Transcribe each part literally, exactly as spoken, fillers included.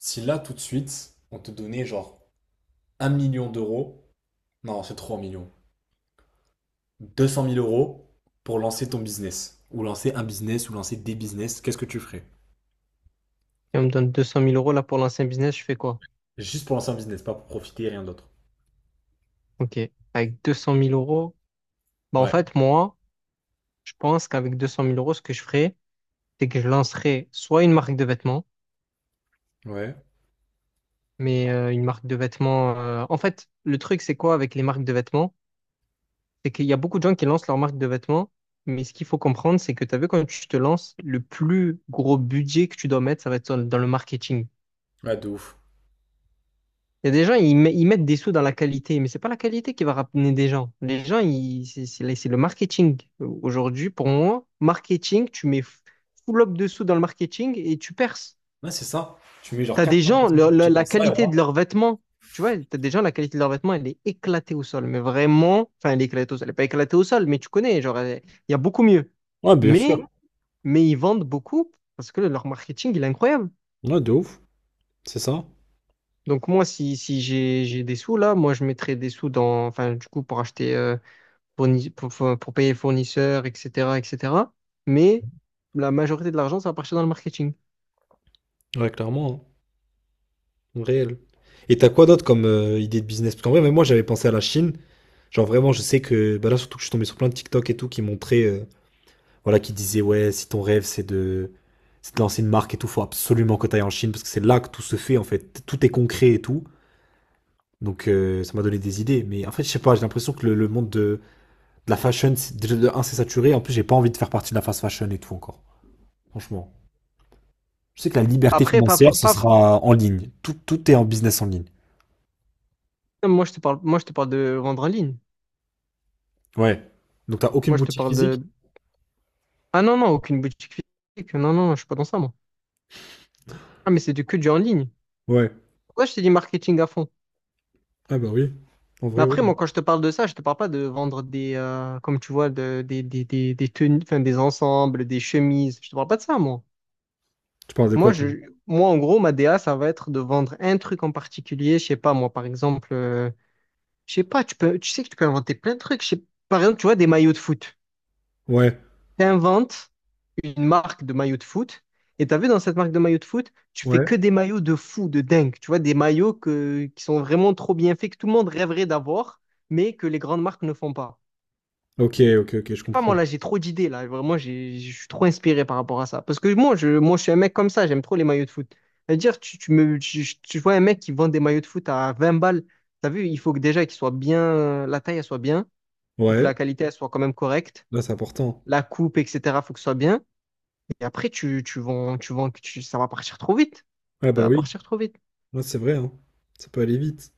Si là, tout de suite, on te donnait genre un million d'euros, non, c'est trois millions, deux cent mille euros pour lancer ton business, ou lancer un business, ou lancer des business, qu'est-ce que tu ferais? Et on me donne deux cent mille euros là pour l'ancien business, je fais quoi? Juste pour lancer un business, pas pour profiter, rien d'autre. Ok. Avec deux cent mille euros, bah en Ouais, fait, moi, je pense qu'avec deux cent mille euros, ce que je ferais, c'est que je lancerais soit une marque de vêtements, ouais, mais euh, une marque de vêtements. euh, En fait, le truc, c'est quoi avec les marques de vêtements? C'est qu'il y a beaucoup de gens qui lancent leur marque de vêtements, mais ce qu'il faut comprendre, c'est que tu as vu, quand tu te lances, le plus gros budget que tu dois mettre, ça va être dans dans le marketing. ouais, de ouf. Il y a des gens, ils, met- ils mettent des sous dans la qualité, mais c'est pas la qualité qui va ramener des gens. Les gens, ils- c'est c'est la- c'est le marketing. Aujourd'hui, pour moi, marketing, tu mets f- full up de sous dans le marketing et tu perces. Ouais, c'est ça. Tu mets genre T'as des gens, quatre-vingts pour cent de ton le- budget la, dans la ça, et qualité voilà. de leurs vêtements, tu vois, t'as des gens, la qualité de leurs vêtements, elle est éclatée au sol, mais vraiment, enfin, elle est éclatée au sol, elle est pas éclatée au sol, mais tu connais, genre, elle- il y a beaucoup mieux. Ouais, bien Mais, sûr. mais ils vendent beaucoup parce que leur marketing, il est incroyable. Ouais, de ouf. C'est ça. Donc moi, si, si j'ai j'ai des sous là, moi je mettrais des sous dans, enfin du coup pour acheter, euh, fourni- pour, pour- pour payer fournisseurs, et cetera, et cetera. Mais la majorité de l'argent, ça va partir dans le marketing. Ouais, clairement, hein. Réel. Et t'as quoi d'autre comme euh, idée de business? Parce qu'en vrai, même moi, j'avais pensé à la Chine. Genre, vraiment, je sais que bah là, surtout que je suis tombé sur plein de TikTok et tout qui montraient euh, voilà, qui disait ouais, si ton rêve c'est de, c'est de lancer une marque et tout, faut absolument que t'ailles en Chine parce que c'est là que tout se fait en fait, tout est concret et tout. Donc euh, ça m'a donné des idées, mais en fait je sais pas, j'ai l'impression que le, le monde de, de la fashion, c'est- déjà de un c'est saturé, en plus j'ai pas envie de faire partie de la fast fashion et tout encore. Franchement, je sais que la liberté Après, pas, financière fa- ce pas, sera en ligne, tout, tout est en business en ligne. moi je te parle, moi je te parle de vendre en ligne. Ouais. Donc t'as aucune Moi je te boutique parle physique? de, Ah non non, aucune boutique physique. Non non, je suis pas dans ça moi. Ah mais c'est du que du en ligne. Ouais. Pourquoi je te dis marketing à fond? Ah bah oui. En Mais vrai, ouais. après moi quand je te parle de ça, je te parle pas de vendre des, euh, comme tu vois, de, des des des des tenues, enfin des ensembles, des chemises. Je te parle pas de ça moi. Tu parles de quoi, Moi, toi? je, moi, en gros, ma D A, ça va être de vendre un truc en particulier. Je sais pas, moi, par exemple, euh, je sais pas, tu peux, tu sais que tu peux inventer plein de trucs. Je sais- par exemple, tu vois, des maillots de foot. Ouais. Tu inventes une marque de maillots de foot. Et tu as vu dans cette marque de maillots de foot, tu fais Ouais. que des maillots de fou, de dingue. Tu vois, des maillots que, qui sont vraiment trop bien faits, que tout le monde rêverait d'avoir, mais que les grandes marques ne font pas. Ok, ok, ok, je Sais pas, moi comprends. là, j'ai trop d'idées là. Vraiment, j'ai- je suis trop inspiré par rapport à ça. Parce que moi, je, moi, je suis un mec comme ça, j'aime trop les maillots de foot. C'est-à-dire, tu, tu me, tu, tu vois un mec qui vend des maillots de foot à vingt balles. T'as vu, il faut que déjà qu'ils soient bien, la taille, elle soit bien. Faut que Ouais. la qualité, elle soit quand même correcte. Là, c'est important. La coupe, et cetera, faut que ce soit bien. Et après, tu, tu vends, tu vends, tu- ça va partir trop vite. Ah Ça bah va oui. partir trop vite. Ouais, c'est vrai, hein. Ça peut aller vite.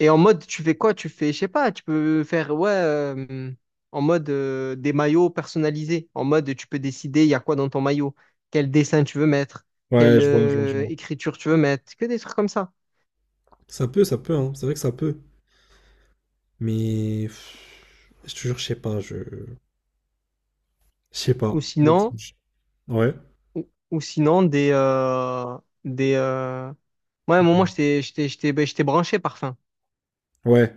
Et en mode, tu fais quoi? Tu fais, je sais pas, tu peux faire, ouais, euh, en mode euh, des maillots personnalisés. En mode, tu peux décider, il y a quoi dans ton maillot, quel dessin tu veux mettre, Ouais, quelle je vois, je vois, je euh, vois. écriture tu veux mettre, que des trucs comme ça. Ça peut, ça peut, hein. C'est vrai que ça peut. Mais pff, je te jure, je sais pas, je. Je sais Ou pas. Bon, sinon, je- Ouais, ou, ou sinon des, euh, des. Euh, ouais, moi, à un moment, j'étais, j'étais, j'étais, ben, j'étais branché parfum. ouais,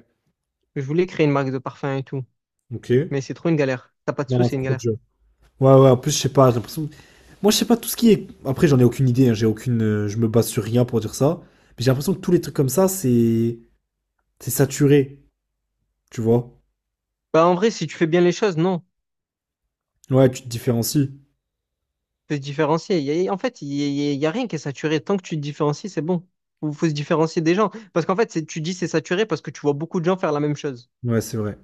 Je voulais créer une marque de parfum et tout. ok. Mais c'est trop une galère. T'as pas de sous, Non, c'est c'est une trop de galère. jeu. Ouais, ouais, en plus, je sais pas, j'ai l'impression. Moi, je sais pas tout ce qui est. Après, j'en ai aucune idée, hein, j'ai aucune. euh, Je me base sur rien pour dire ça. Mais j'ai l'impression que tous les trucs comme ça, c'est. C'est saturé, tu vois. Bah, en vrai, si tu fais bien les choses, non. Ouais, tu te différencies. Faut se différencier. Y a- y a- en fait, il n'y a, y a rien qui est saturé. Tant que tu te différencies, c'est bon. Faut, faut se différencier des gens. Parce qu'en fait, c'est- tu dis c'est saturé parce que tu vois beaucoup de gens faire la même chose. Ouais, c'est vrai.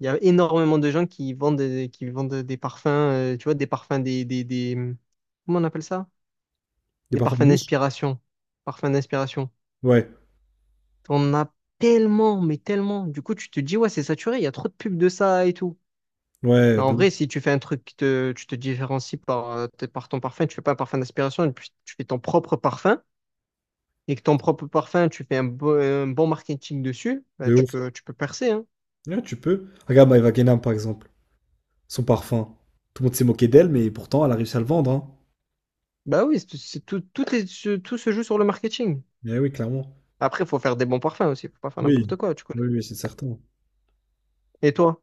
Il y a énormément de gens qui vendent, des- qui vendent des parfums, euh, tu vois, des parfums, des, des, des- hum, Comment on appelle ça? Des Des parfums parfums de niche? d'inspiration. Parfums d'inspiration. Ouais, On a tellement, mais tellement. Du coup, tu te dis, ouais, c'est saturé, il y a trop de pubs de ça et tout. ouais, Mais en de ouf, vrai, si tu fais un truc qui te, tu te différencies par, euh, t- par ton parfum, tu fais pas un parfum d'aspiration, et puis tu fais ton propre parfum, et que ton propre parfum, tu fais un, bo- un bon marketing dessus, bah, de tu ouf. peux, tu peux percer, hein. Ouais, tu peux. Regarde My Wagenham, par exemple, son parfum. Tout le monde s'est moqué d'elle, mais pourtant, elle a réussi à le vendre, hein. Bah oui, c'est c'est tout, toutes les- ce- tout se joue sur le marketing. Mais oui, clairement. Après, il faut faire des bons parfums aussi, faut pas faire Oui, n'importe quoi, tu connais. oui, oui, c'est certain. Et toi?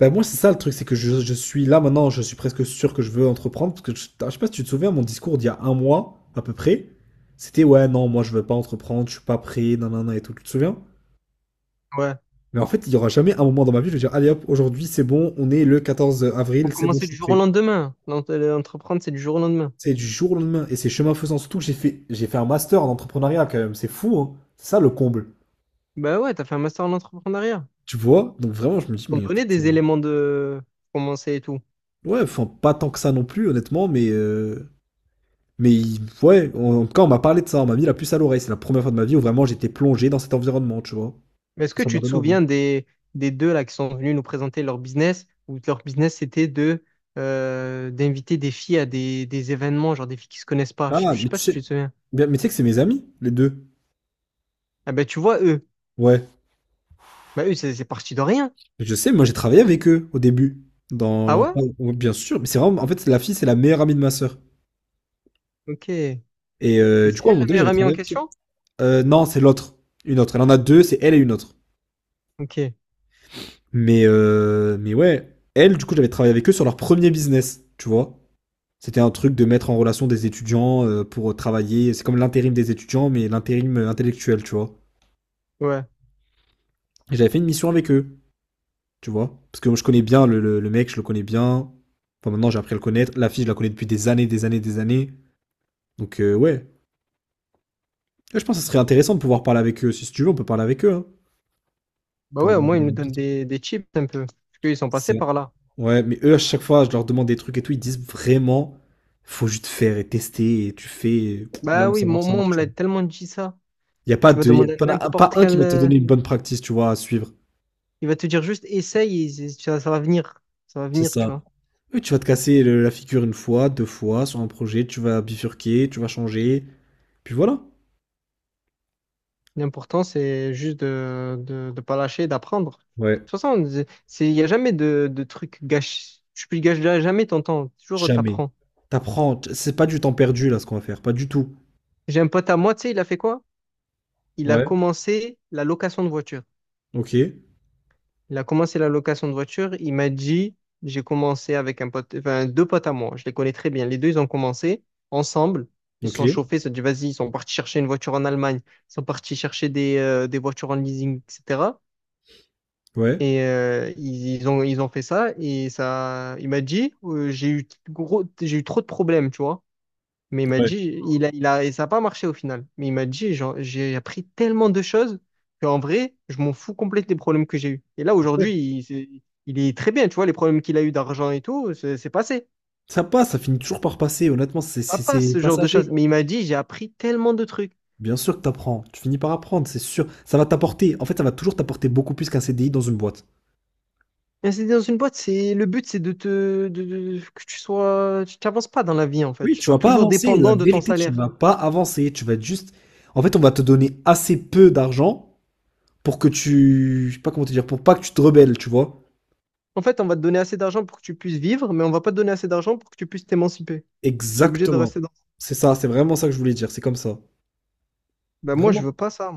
Ben moi, c'est ça le truc, c'est que je, je suis là maintenant, je suis presque sûr que je veux entreprendre. Parce que je, ah, je sais pas si tu te souviens, mon discours d'il y a un mois, à peu près, c'était ouais, non, moi, je veux pas entreprendre, je suis pas prêt, nanana et tout. Tu te souviens? Ouais. Mais en fait, il y aura jamais un moment dans ma vie où je vais dire, allez hop, aujourd'hui, c'est bon, on est le quatorze Faut avril, c'est bon, je commencer du suis jour au prêt. lendemain. L'ent- L'entreprendre, c'est du jour au lendemain. C'est du jour au lendemain, et c'est chemin faisant. Surtout que j'ai fait, j'ai fait un master en entrepreneuriat quand même, c'est fou, hein. C'est ça le comble. Bah ouais, t'as fait un master en entrepreneuriat. Tu vois? Donc vraiment, je me dis, T'ont mais en fait, donné des euh, éléments de commencer et tout. ouais, enfin, pas tant que ça non plus, honnêtement, mais, euh, mais il- ouais, en, en tout cas, on m'a parlé de ça, on m'a mis la puce à l'oreille. C'est la première fois de ma vie où vraiment j'étais plongé dans cet environnement, tu vois. Enfin, Mais est-ce que ça m'a tu te donné envie. souviens des, des deux là qui sont venus nous présenter leur business, où leur business c'était de euh, d'inviter des filles à des, des événements, genre des filles qui se connaissent pas. Je, Ah, je sais mais pas tu si sais, tu te souviens. mais mais tu sais que c'est mes amis, les deux. Ah ben tu vois eux. Ouais. Bah eux, c'est c'est parti de rien. Je sais, moi j'ai travaillé avec eux au début. Dans Ah leur- ouais? Ouais, bien sûr, mais c'est vraiment, en fait, c'est la fille, c'est la meilleure amie de ma sœur. Ok. Mais Et euh, du c'est coup, à un elle moment la donné, meilleure j'avais amie travaillé en avec elle. question? Euh, non, c'est l'autre. Une autre. Elle en a deux, c'est elle et une autre. Ok. Mais, euh, mais ouais, elle, du coup, j'avais travaillé avec eux sur leur premier business, tu vois. C'était un truc de mettre en relation des étudiants euh, pour travailler. C'est comme l'intérim des étudiants, mais l'intérim euh, intellectuel, tu vois. Ouais. Et j'avais fait une mission avec eux, tu vois. Parce que moi, je connais bien le, le- le mec, je le connais bien. Enfin, maintenant, j'ai appris à le connaître. La fille, je la connais depuis des années, des années, des années. Donc, euh, ouais. Ouais, je pense que ce serait intéressant de pouvoir parler avec eux. Si tu veux, on peut parler avec eux, hein. Bah ouais, Pour au moins ils nous donnent des, des chips un peu. Parce qu'ils sont passés C'est par là. Ouais, mais eux, à chaque fois, je leur demande des trucs et tout, ils disent vraiment, faut juste faire et tester et tu fais et là Bah où oui, ça mon, marche, ça moi on marche, me tu l'a vois. tellement dit ça. Il n'y a pas Tu vas de, y a demander à pas, pas n'importe un qui quel. va te euh, donner une bonne practice, tu vois, à suivre. Il va te dire juste essaye, et c'est- ça, ça va venir. Ça va C'est venir, tu ça. vois. Eux, tu vas te casser le- la figure une fois, deux fois sur un projet, tu vas bifurquer, tu vas changer, puis voilà. L'important, c'est juste de de, de pas lâcher, d'apprendre. De Ouais, toute façon, c'est- il n'y a jamais de, de truc gâché. Tu ne gâches jamais ton temps. Toujours, jamais. t'apprends. T'apprends, t- c'est pas du temps perdu là ce qu'on va faire, pas du tout. J'ai un pote à moi, tu sais, il a fait quoi? Il a Ouais, commencé la location de voiture. ok, Il a commencé la location de voiture. Il m'a dit, j'ai commencé avec un pote, enfin, deux potes à moi. Je les connais très bien. Les deux, ils ont commencé ensemble. Ils se ok, sont chauffés. Ils se sont dit, vas-y, ils sont partis chercher une voiture en Allemagne. Ils sont partis chercher des, euh, des voitures en leasing, et cetera. ouais, Et euh, ils, ils ont, ils ont fait ça. Et ça, il m'a dit, euh, j'ai eu gros, j'ai eu trop de problèmes, tu vois. Mais il m'a ouais. dit, il a, il a, et ça n'a pas marché au final. Mais il m'a dit, genre, j'ai appris tellement de choses qu'en vrai, je m'en fous complètement des problèmes que j'ai eus. Et là, Ouais. aujourd'hui, il, c'est- il est très bien, tu vois, les problèmes qu'il a eu d'argent et tout, c'est c'est passé. Ça passe, ça finit toujours par passer, honnêtement, c'est Ça c'est- passe, c'est ce genre de passager. choses. Mais il m'a dit, j'ai appris tellement de trucs. Bien sûr que t'apprends, tu finis par apprendre, c'est sûr. Ça va t'apporter, en fait, ça va toujours t'apporter beaucoup plus qu'un C D I dans une boîte. Et c'est dans une boîte, c'est, le but, c'est de te, de- de- que tu sois, tu t'avances pas dans la vie, en fait. Oui, Tu tu sois vas pas toujours avancer, la dépendant de ton vérité, tu salaire. vas pas avancer, tu vas être juste... En fait, on va te donner assez peu d'argent pour que tu... Je sais pas comment te dire, pour pas que tu te rebelles, tu vois. En fait, on va te donner assez d'argent pour que tu puisses vivre, mais on va pas te donner assez d'argent pour que tu puisses t'émanciper. Tu es obligé de Exactement. rester dans. C'est ça, c'est vraiment ça que je voulais dire, c'est comme ça. Ben moi, je Vraiment. veux pas ça.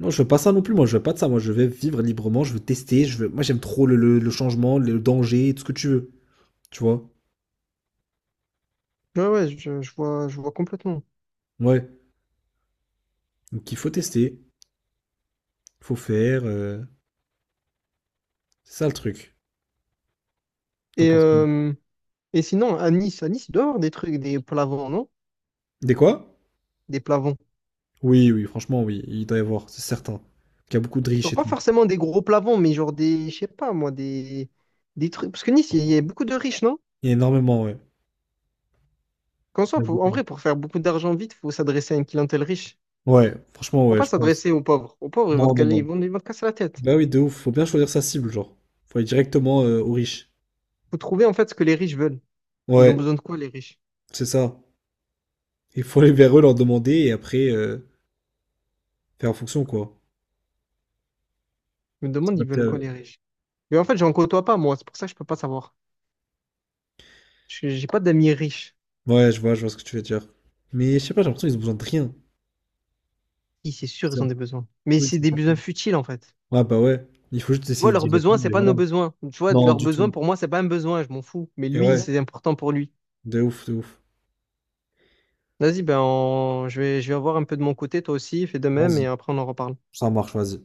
Non, je veux pas ça non plus, moi, je veux pas de ça, moi, je vais vivre librement, je veux tester, je veux... Moi, j'aime trop le, le- le changement, le danger, tout ce que tu veux, tu vois. Ouais, ouais, je, je vois, je vois complètement. Ouais. Donc, il faut tester, faut faire, euh, c'est ça le truc. T'en Et, penses quoi? euh, et sinon, à Nice, à Nice, il doit y avoir des trucs, des plavons, non? Des quoi? Des plavons. Oui, oui, franchement, oui, il doit y avoir, c'est certain. Il y a beaucoup de Genre, riches et pas tout. forcément des gros plavons, mais genre des, je sais pas moi, des, des trucs. Parce que Nice, il y a beaucoup de riches, non? Il y a énormément, ouais. Qu'en soit, Il y a faut- en beaucoup. vrai, pour faire beaucoup d'argent vite, faut s'adresser à une clientèle riche. Ouais, franchement, Faut ouais, pas je pense. s'adresser aux pauvres. Aux pauvres, ils vont te Non, non, caler, ils non. vont, ils vont te casser la tête. Bah oui, de ouf, faut bien choisir sa cible, genre. Faut aller directement euh, aux riches. Faut trouver, en fait, ce que les riches veulent. Ils Ouais, ont besoin de quoi, les riches? c'est ça. Il faut aller vers eux, leur demander et après euh, faire en fonction, quoi. Je me demande, ils S'adapter à veulent quoi, les eux. riches? Mais en fait, j'en côtoie pas, moi. C'est pour ça que je peux pas savoir. Je- J'ai pas d'amis riches. Ouais, je vois, je vois ce que tu veux dire. Mais je sais pas, j'ai l'impression qu'ils ont besoin de rien. Si, c'est sûr, C'est ils un ont des peu- besoins. Mais oui, c'est c'est des certain. besoins futiles, en fait. Ouais, bah ouais. Il faut juste Tu vois, essayer leurs d'y besoins, répondre c'est et pas voilà. nos besoins. Tu vois, Non, leurs du besoins, tout. pour moi, c'est pas un besoin, je m'en fous. Mais Et lui, ouais, c'est important pour lui. de ouf, de ouf. Vas-y, ben, on- je vais, je vais, voir un peu de mon côté, toi aussi, fais de même, et Vas-y, après, on en reparle. ça marche, vas-y.